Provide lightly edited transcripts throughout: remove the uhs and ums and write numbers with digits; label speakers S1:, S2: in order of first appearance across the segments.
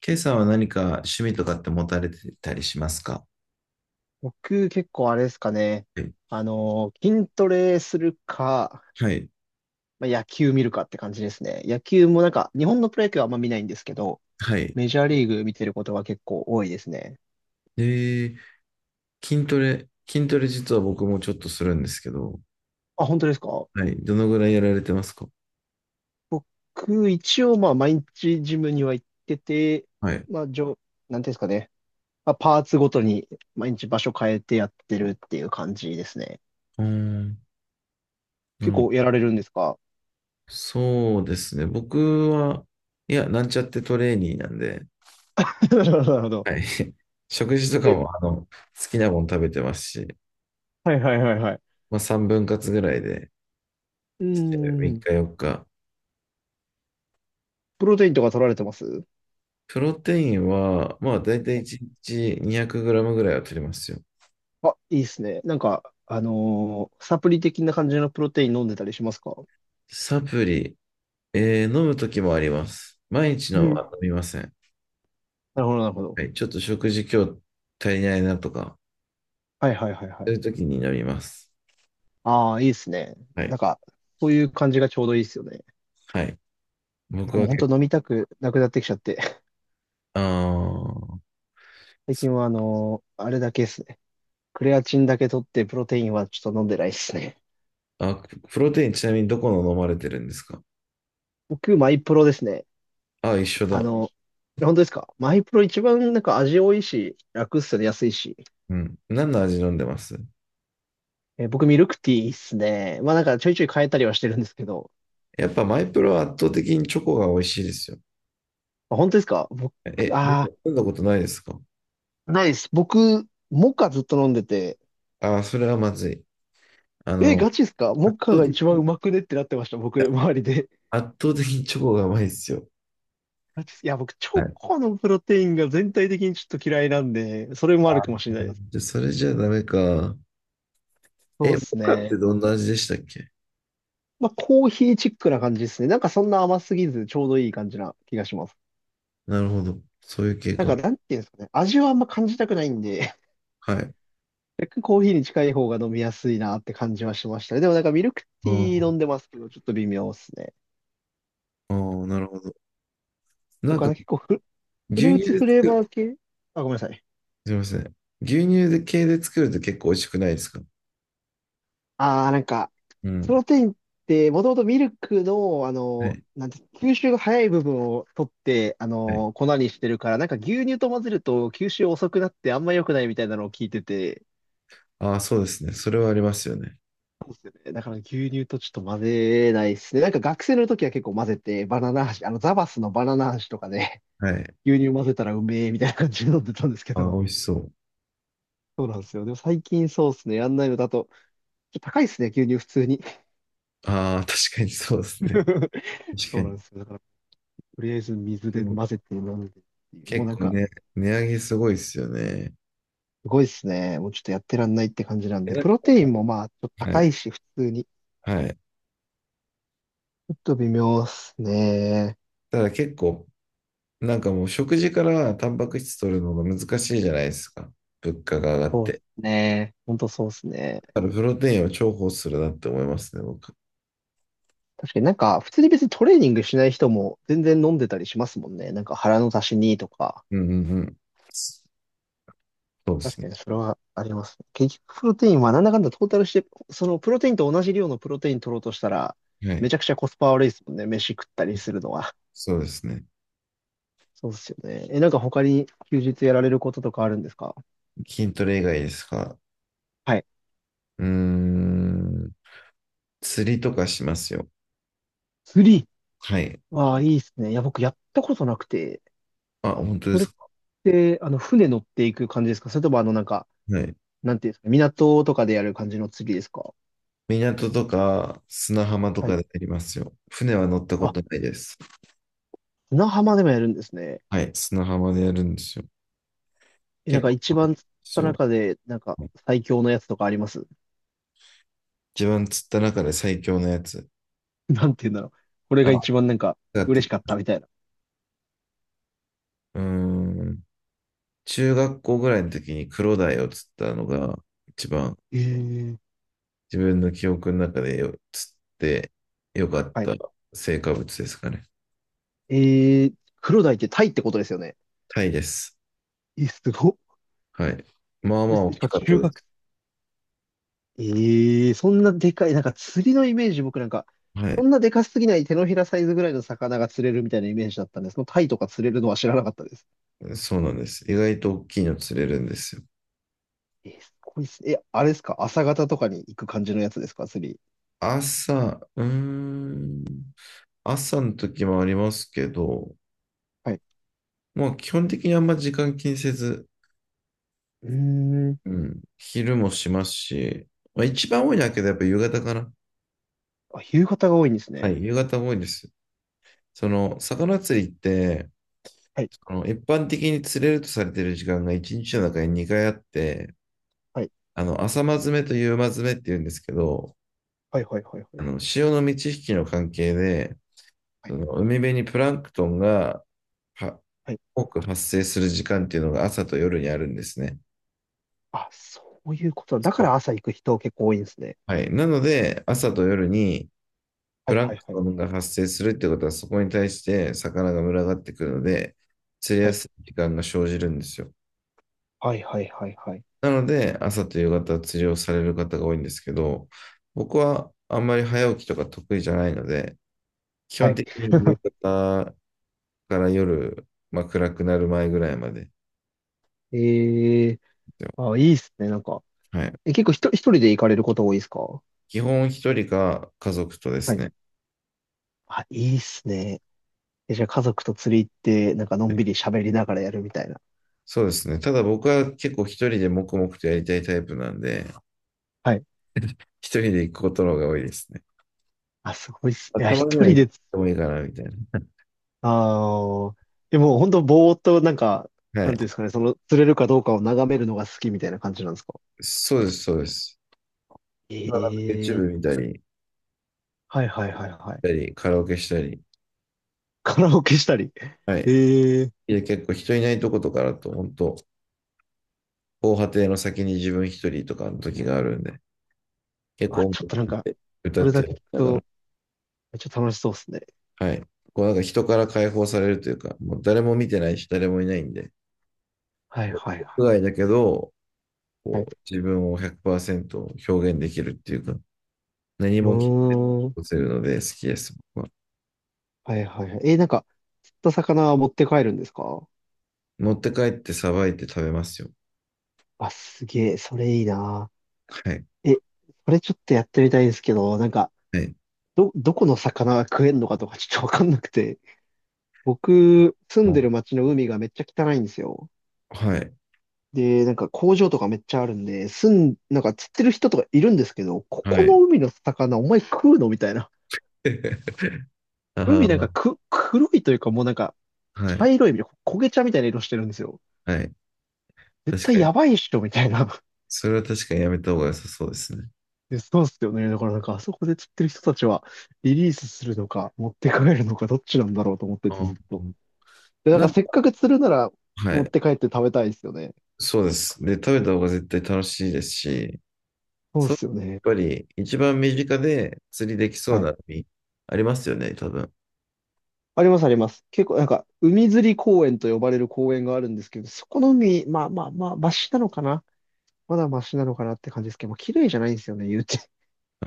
S1: ケイさんは何か趣味とかって持たれてたりしますか？
S2: 僕結構あれですかね。
S1: はい
S2: 筋トレするか、
S1: はい。
S2: まあ、野球見るかって感じですね。野球もなんか、日本のプロ野球はあんま見ないんですけど、
S1: はい。
S2: メジャーリーグ見てることが結構多いですね。
S1: で、筋トレ実は僕もちょっとするんですけど、
S2: あ、本当ですか？
S1: はい。どのぐらいやられてますか？
S2: 僕、一応まあ毎日ジムには行ってて、
S1: はい。う
S2: まあ、なんていうんですかね。まあ、パーツごとに毎日場所変えてやってるっていう感じですね。
S1: ーん、な
S2: 結
S1: るほど。
S2: 構やられるんですか？
S1: そうですね。僕は、いや、なんちゃってトレーニーなんで、
S2: なるほど。
S1: はい。食事とか
S2: え、
S1: も、好きなもの食べてますし、
S2: はいはいはいはい。
S1: まあ3分割ぐらいで、
S2: うー
S1: 3
S2: ん。
S1: 日4日。
S2: プロテインとか取られてます？はい。
S1: プロテインは、まあ大体1日2 0 0ムぐらいは取りますよ。
S2: あ、いいですね。なんか、サプリ的な感じのプロテイン飲んでたりしますか？
S1: サプリ、飲むときもあります。毎日
S2: う
S1: の
S2: ん。
S1: は
S2: な
S1: 飲みません。
S2: るほど、なるほど。
S1: はい、ちょっと食事今日足りないなとか、
S2: はいはいはいは
S1: そ
S2: い。
S1: ういうときに飲みます。
S2: ああ、いいですね。
S1: はい。
S2: なんか、そういう感じがちょうどいいですよね。
S1: はい。僕
S2: 僕も
S1: は
S2: 本
S1: け、
S2: 当飲みたくなくなってきちゃって。
S1: あー
S2: 最
S1: そ
S2: 近はあれだけですね。クレアチンだけ取って、プロテインはちょっと飲んでないですね。
S1: あ、プロテインちなみにどこの飲まれてるんですか？
S2: 僕、マイプロですね。
S1: あ、一緒
S2: あ
S1: だ。
S2: の、本当ですか？マイプロ一番なんか味多いし、楽っすよね、安いし。
S1: うん。何の味飲んでます
S2: 僕、ミルクティーっすね。まあなんかちょいちょい変えたりはしてるんですけど、
S1: やっぱマイプロは圧倒的にチョコが美味しいですよ。
S2: あ、本当ですか？僕、
S1: え、飲んだ
S2: あ
S1: 飲んだことないですか？
S2: あ、ないです。僕、モカずっと飲んでて、
S1: あー、それはまずい。あ
S2: え、
S1: の、
S2: ガチですか？
S1: 圧
S2: モカ
S1: 倒
S2: が
S1: 的
S2: 一番
S1: に、
S2: う
S1: い
S2: まくねってなってました、僕、
S1: や
S2: 周りで。
S1: 圧倒的にチョコがうまいですよ。
S2: ガチっす。いや、僕、チ
S1: は
S2: ョ
S1: い、
S2: コのプロテインが全体的にちょっと嫌いなんで、それもあるかもしれないです。
S1: じゃあそれじゃダメか。
S2: そ
S1: え、
S2: うで
S1: モ
S2: す
S1: カって
S2: ね。
S1: どんな味でしたっけ？
S2: まあ、コーヒーチックな感じですね。なんかそんな甘すぎず、ちょうどいい感じな気がします。
S1: なるほど。そういう系
S2: なんか、
S1: か。
S2: なんていうんですかね。味はあんま感じたくないんで、
S1: はい。
S2: 若干コーヒーに近い方が飲みやすいなって感じはしましたね。でもなんかミルク
S1: あ
S2: ティー
S1: あ、
S2: 飲んでますけど、ちょっと微妙ですね。
S1: ああ、なるほど。なん
S2: 僕は
S1: か、
S2: ね結構フル
S1: 牛
S2: ー
S1: 乳
S2: ツ
S1: で
S2: フレー
S1: 作る。
S2: バー系。あ、ごめんなさい。
S1: すいません。牛乳で系で作ると結構美味しくないですか？
S2: ああー、なんか、
S1: う
S2: プ
S1: ん。
S2: ロテインって、もともとミルクの、あ
S1: は
S2: の、
S1: い。
S2: なんて、吸収が早い部分を取って、
S1: はい。
S2: 粉にしてるから、なんか牛乳と混ぜると吸収遅くなってあんま良くないみたいなのを聞いてて、
S1: ああ、そうですね。それはありますよね。
S2: そうですよね。だから牛乳とちょっと混ぜないですね。なんか学生の時は結構混ぜて、バナナ味、ザバスのバナナ味とかで、
S1: はい。
S2: 牛乳混ぜたらうめえみたいな感じで飲んでたんですけ
S1: ああ、美
S2: ど、
S1: 味しそう。
S2: そうなんですよ。でも最近そうですね。やんないのだと、ちょっと高いですね、牛乳普通に。
S1: ああ、確かにそうですね。確
S2: そ
S1: か
S2: うな
S1: に。
S2: んですよ。だから、とりあえず水
S1: で
S2: で
S1: も、
S2: 混ぜて飲んでっていう。もう
S1: 結
S2: なん
S1: 構
S2: か、
S1: ね、値上げすごいですよね。
S2: すごいっすね。もうちょっとやってらんないって感じなん
S1: え
S2: で。
S1: な
S2: プロテインもまあ、ちょっと
S1: は
S2: 高
S1: い。
S2: いし、普通に。ち
S1: はい。
S2: ょっと微妙っすね。
S1: ただ結構、なんかもう食事からタンパク質取るのが難しいじゃないですか。物価が上がっ
S2: そうっ
S1: て。
S2: すね。ほんとそうっすね。
S1: だからプロテインを重宝するなって思いますね、僕。
S2: 確かになんか、普通に別にトレーニングしない人も全然飲んでたりしますもんね。なんか腹の足しにとか。
S1: うんうんうん。そうで
S2: 確
S1: すね。
S2: かにそれはありますね。結局プロテインはなんだかんだトータルして、そのプロテインと同じ量のプロテイン取ろうとしたら、
S1: は
S2: め
S1: い。
S2: ちゃくちゃコスパ悪いですもんね。飯食ったりするのは。
S1: そうですね。
S2: そうっすよね。え、なんか他に休日やられることとかあるんですか？
S1: 筋トレ以外ですか？
S2: はい。
S1: うーん。釣りとかしますよ。
S2: 釣り。
S1: はい。
S2: わあ、いいっすね。いや、僕やったことなくて、
S1: あ、本当で
S2: それ
S1: す
S2: っ
S1: か。
S2: て、船乗っていく感じですか？それともなんか、
S1: はい。
S2: なんていうんですか、港とかでやる感じの釣りですか？
S1: 港とか砂浜と
S2: は
S1: か
S2: い。
S1: でやりますよ。船は乗ったこ
S2: あ、
S1: とないです。
S2: 砂浜でもやるんですね。
S1: はい。砂浜でやるんですよ。
S2: え、なん
S1: 結
S2: か
S1: 構
S2: 一
S1: 楽
S2: 番釣っ
S1: しいです
S2: た
S1: よ。
S2: 中で、なんか最強のやつとかあります？
S1: 一番釣った中で最強のやつ。
S2: なんていうんだろう。これ
S1: あ
S2: が一番なんか
S1: だって、
S2: 嬉しかったみたいな。
S1: ーん、中学校ぐらいの時にクロダイを釣ったのが一番
S2: ええ。
S1: 自分の記憶の中で釣ってよかっ
S2: は
S1: た
S2: い。
S1: 成果物ですかね。
S2: えー、黒鯛ってタイってことですよね。
S1: タイです。
S2: え、すごっ。こ
S1: はい。まあま
S2: れ
S1: あ大
S2: し
S1: き
S2: かも
S1: かった
S2: 中
S1: で
S2: 学。
S1: す。
S2: ええ、そんなでかい、なんか釣りのイメージ、僕なんか、
S1: は
S2: そ
S1: い。
S2: んなでかすぎない手のひらサイズぐらいの魚が釣れるみたいなイメージだったんです。そのタイとか釣れるのは知らなかったです。
S1: そうなんです。意外と大きいの釣れるんですよ。
S2: えー、すごいっす。え、あれですか？朝方とかに行く感じのやつですか？釣り。
S1: 朝、うーん、朝の時もありますけど、
S2: はい。
S1: まあ基本的にあんま時間気にせず、
S2: うーん。
S1: うん、昼もしますし、まあ一番多いのはけどやっぱ夕方かな。
S2: あ、夕方が多いんです
S1: は
S2: ね。
S1: い、夕方も多いです。その、魚釣りって、
S2: はい。
S1: 一般的に釣れるとされている時間が1日の中に2回あって、
S2: はい。
S1: 朝間詰めと夕間詰めって言うんですけど、
S2: はい、はい、はい、はい。
S1: 潮の満ち引きの関係で、
S2: は
S1: そ
S2: い。
S1: の海辺にプランクトンがは
S2: はい。
S1: 多く発生する時間っていうのが朝と夜にあるんですね。
S2: あ、そういうことだ。だか
S1: そう、
S2: ら朝行く人結構多いんですね。
S1: はい。なので、朝と夜にプ
S2: はい、
S1: ラ
S2: は
S1: ン
S2: い、
S1: ク
S2: は
S1: ト
S2: い。
S1: ンが発生するってことは、そこに対して魚が群がってくるので、釣り
S2: は
S1: や
S2: い。
S1: すい時間が生じるんですよ。
S2: はい、はい、はい、はい。
S1: なので、朝と夕方釣りをされる方が多いんですけど、僕はあんまり早起きとか得意じゃないので、基
S2: は
S1: 本
S2: い。
S1: 的に夕 方から夜、まあ、暗くなる前ぐらいまでで
S2: ええ。
S1: すよ。
S2: あ、いいっすね。なんか。
S1: はい。
S2: え、結構一人で行かれること多いですか？
S1: 基本一人か家族とで
S2: は
S1: す
S2: い。
S1: ね。
S2: あ、いいっすね。え、じゃあ家族と釣り行って、なんかのんびり喋りながらやるみたいな。
S1: そうですね。ただ僕は結構一人で黙々とやりたいタイプなんで、
S2: はい。
S1: 一人で行くことの方が多いですね。
S2: あ、すごいっす。
S1: あ
S2: いや、
S1: たまに
S2: 一
S1: は
S2: 人
S1: 行っ
S2: で、
S1: てもいいかな、みたいな。
S2: ああ、でも本当ぼーっとなんか、
S1: は
S2: なん
S1: い。
S2: ていうんですかね、その釣れるかどうかを眺めるのが好きみたいな感じなんですか？
S1: そうです、そうです。まあ、なんか YouTube
S2: ええ。
S1: 見たり、
S2: はいはいはいはい。
S1: カラオケしたり。
S2: カラオケしたり。
S1: はい。
S2: ええ。
S1: いや、結構人いないとことかだと、本当防波堤の先に自分一人とかの時があるんで、結
S2: あ、
S1: 構音
S2: ちょっ
S1: 楽
S2: となん
S1: っ
S2: か、
S1: て歌
S2: そ
S1: っ
S2: れだ
S1: た
S2: け
S1: り、
S2: 聞く
S1: だから、
S2: と、めっちゃ楽しそうっすね。
S1: はい。こうなんか人から解放されるというか、もう誰も見てないし、誰もいないんで、
S2: はい
S1: こ
S2: はいは
S1: う屋
S2: い。
S1: 外だけど、
S2: は
S1: こ
S2: い。
S1: う自分を100%表現できるっていうか、何
S2: う
S1: も聞
S2: ーん。
S1: こせるので好きです、僕は。
S2: はいはいはい。なんか、釣った魚は持って帰るんですか？
S1: 持って帰ってさばいて食べますよ。
S2: あ、すげえ、それいいな。
S1: はい。
S2: え、それちょっとやってみたいんですけど、なんか、
S1: はい。
S2: どこの魚が食えんのかとかちょっとわかんなくて。僕、住ん
S1: も
S2: でる町の海がめっちゃ汚いんですよ。
S1: う、はい。
S2: で、なんか工場とかめっちゃあるんで、なんか釣ってる人とかいるんですけど、こ
S1: は
S2: こ
S1: い。
S2: の海の魚お前食うのみたいな。海なんか
S1: あ
S2: 黒いというかもうなんか、
S1: あ、は
S2: 茶
S1: い。
S2: 色いみたいな、焦げ茶みたいな色してるんですよ。
S1: はい。
S2: 絶
S1: 確
S2: 対
S1: かに。
S2: やばいっしょ、みたいな。
S1: それは確かにやめた方が良さそうですね。
S2: で、そうっすよね。だからなんか、あそこで釣ってる人たちは、リリースするのか、持って帰るのか、どっちなんだろうと思ってて、ず
S1: あ
S2: っと。
S1: ー
S2: で、なんか、
S1: な、
S2: せっかく釣るなら、
S1: は
S2: 持っ
S1: い。
S2: て帰って食べたいですよね。
S1: そうです。で、食べた方が絶対楽しいですし、
S2: そうっ
S1: そう、
S2: すよ
S1: やっ
S2: ね。
S1: ぱり一番身近で釣りできそう
S2: はい。
S1: な海ありますよね、多分。
S2: あります、あります。結構、なんか、海釣り公園と呼ばれる公園があるんですけど、そこの海、まあまあまあ、マシなのかな。まだマシなのかなって感じですけど、まあ、綺麗じゃないんですよね、言うて。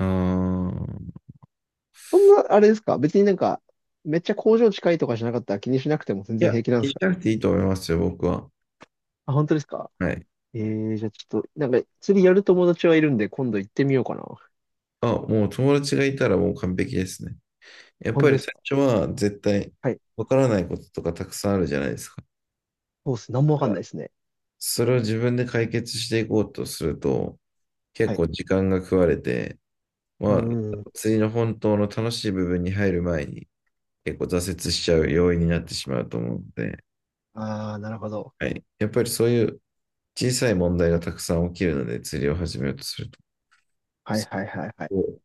S1: うーん。
S2: そんな、あれですか？別になんか、めっちゃ工場近いとかじゃなかったら気にしなくても全
S1: い
S2: 然
S1: や、
S2: 平気なん
S1: 気
S2: で
S1: に
S2: す
S1: し
S2: か？
S1: なくていいと思いますよ、僕は。
S2: あ、本当ですか？
S1: はい。
S2: ええ。じゃあちょっと、なんか釣りやる友達はいるんで、今度行ってみようかな。
S1: あ、もう友達がいたらもう完璧ですね。やっ
S2: 本
S1: ぱ
S2: 当で
S1: り
S2: す
S1: 最
S2: か？
S1: 初は絶対
S2: はい。
S1: わからないこととかたくさんあるじゃないですか。
S2: そうっす。なん
S1: だ
S2: もわ
S1: か
S2: かん
S1: ら
S2: ないですね。
S1: それを自分で解決していこうとすると、結
S2: はい。
S1: 構時間が食われて、
S2: う
S1: まあ、
S2: んうん。
S1: 釣りの本当の楽しい部分に入る前に結構挫折しちゃう要因になってしまうと思うので、
S2: ああ、なるほど。
S1: はい。やっぱりそういう小さい問題がたくさん起きるので釣りを始めようとすると、
S2: はい
S1: そ
S2: はいはいはい。
S1: こを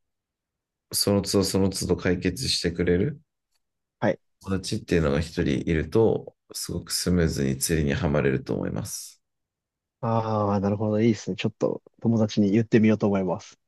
S1: その都度その都度解決してくれる
S2: はい。
S1: 友達っていうのが一人いると、すごくスムーズに釣りにはまれると思います。
S2: ああ、なるほど。いいですね。ちょっと友達に言ってみようと思います。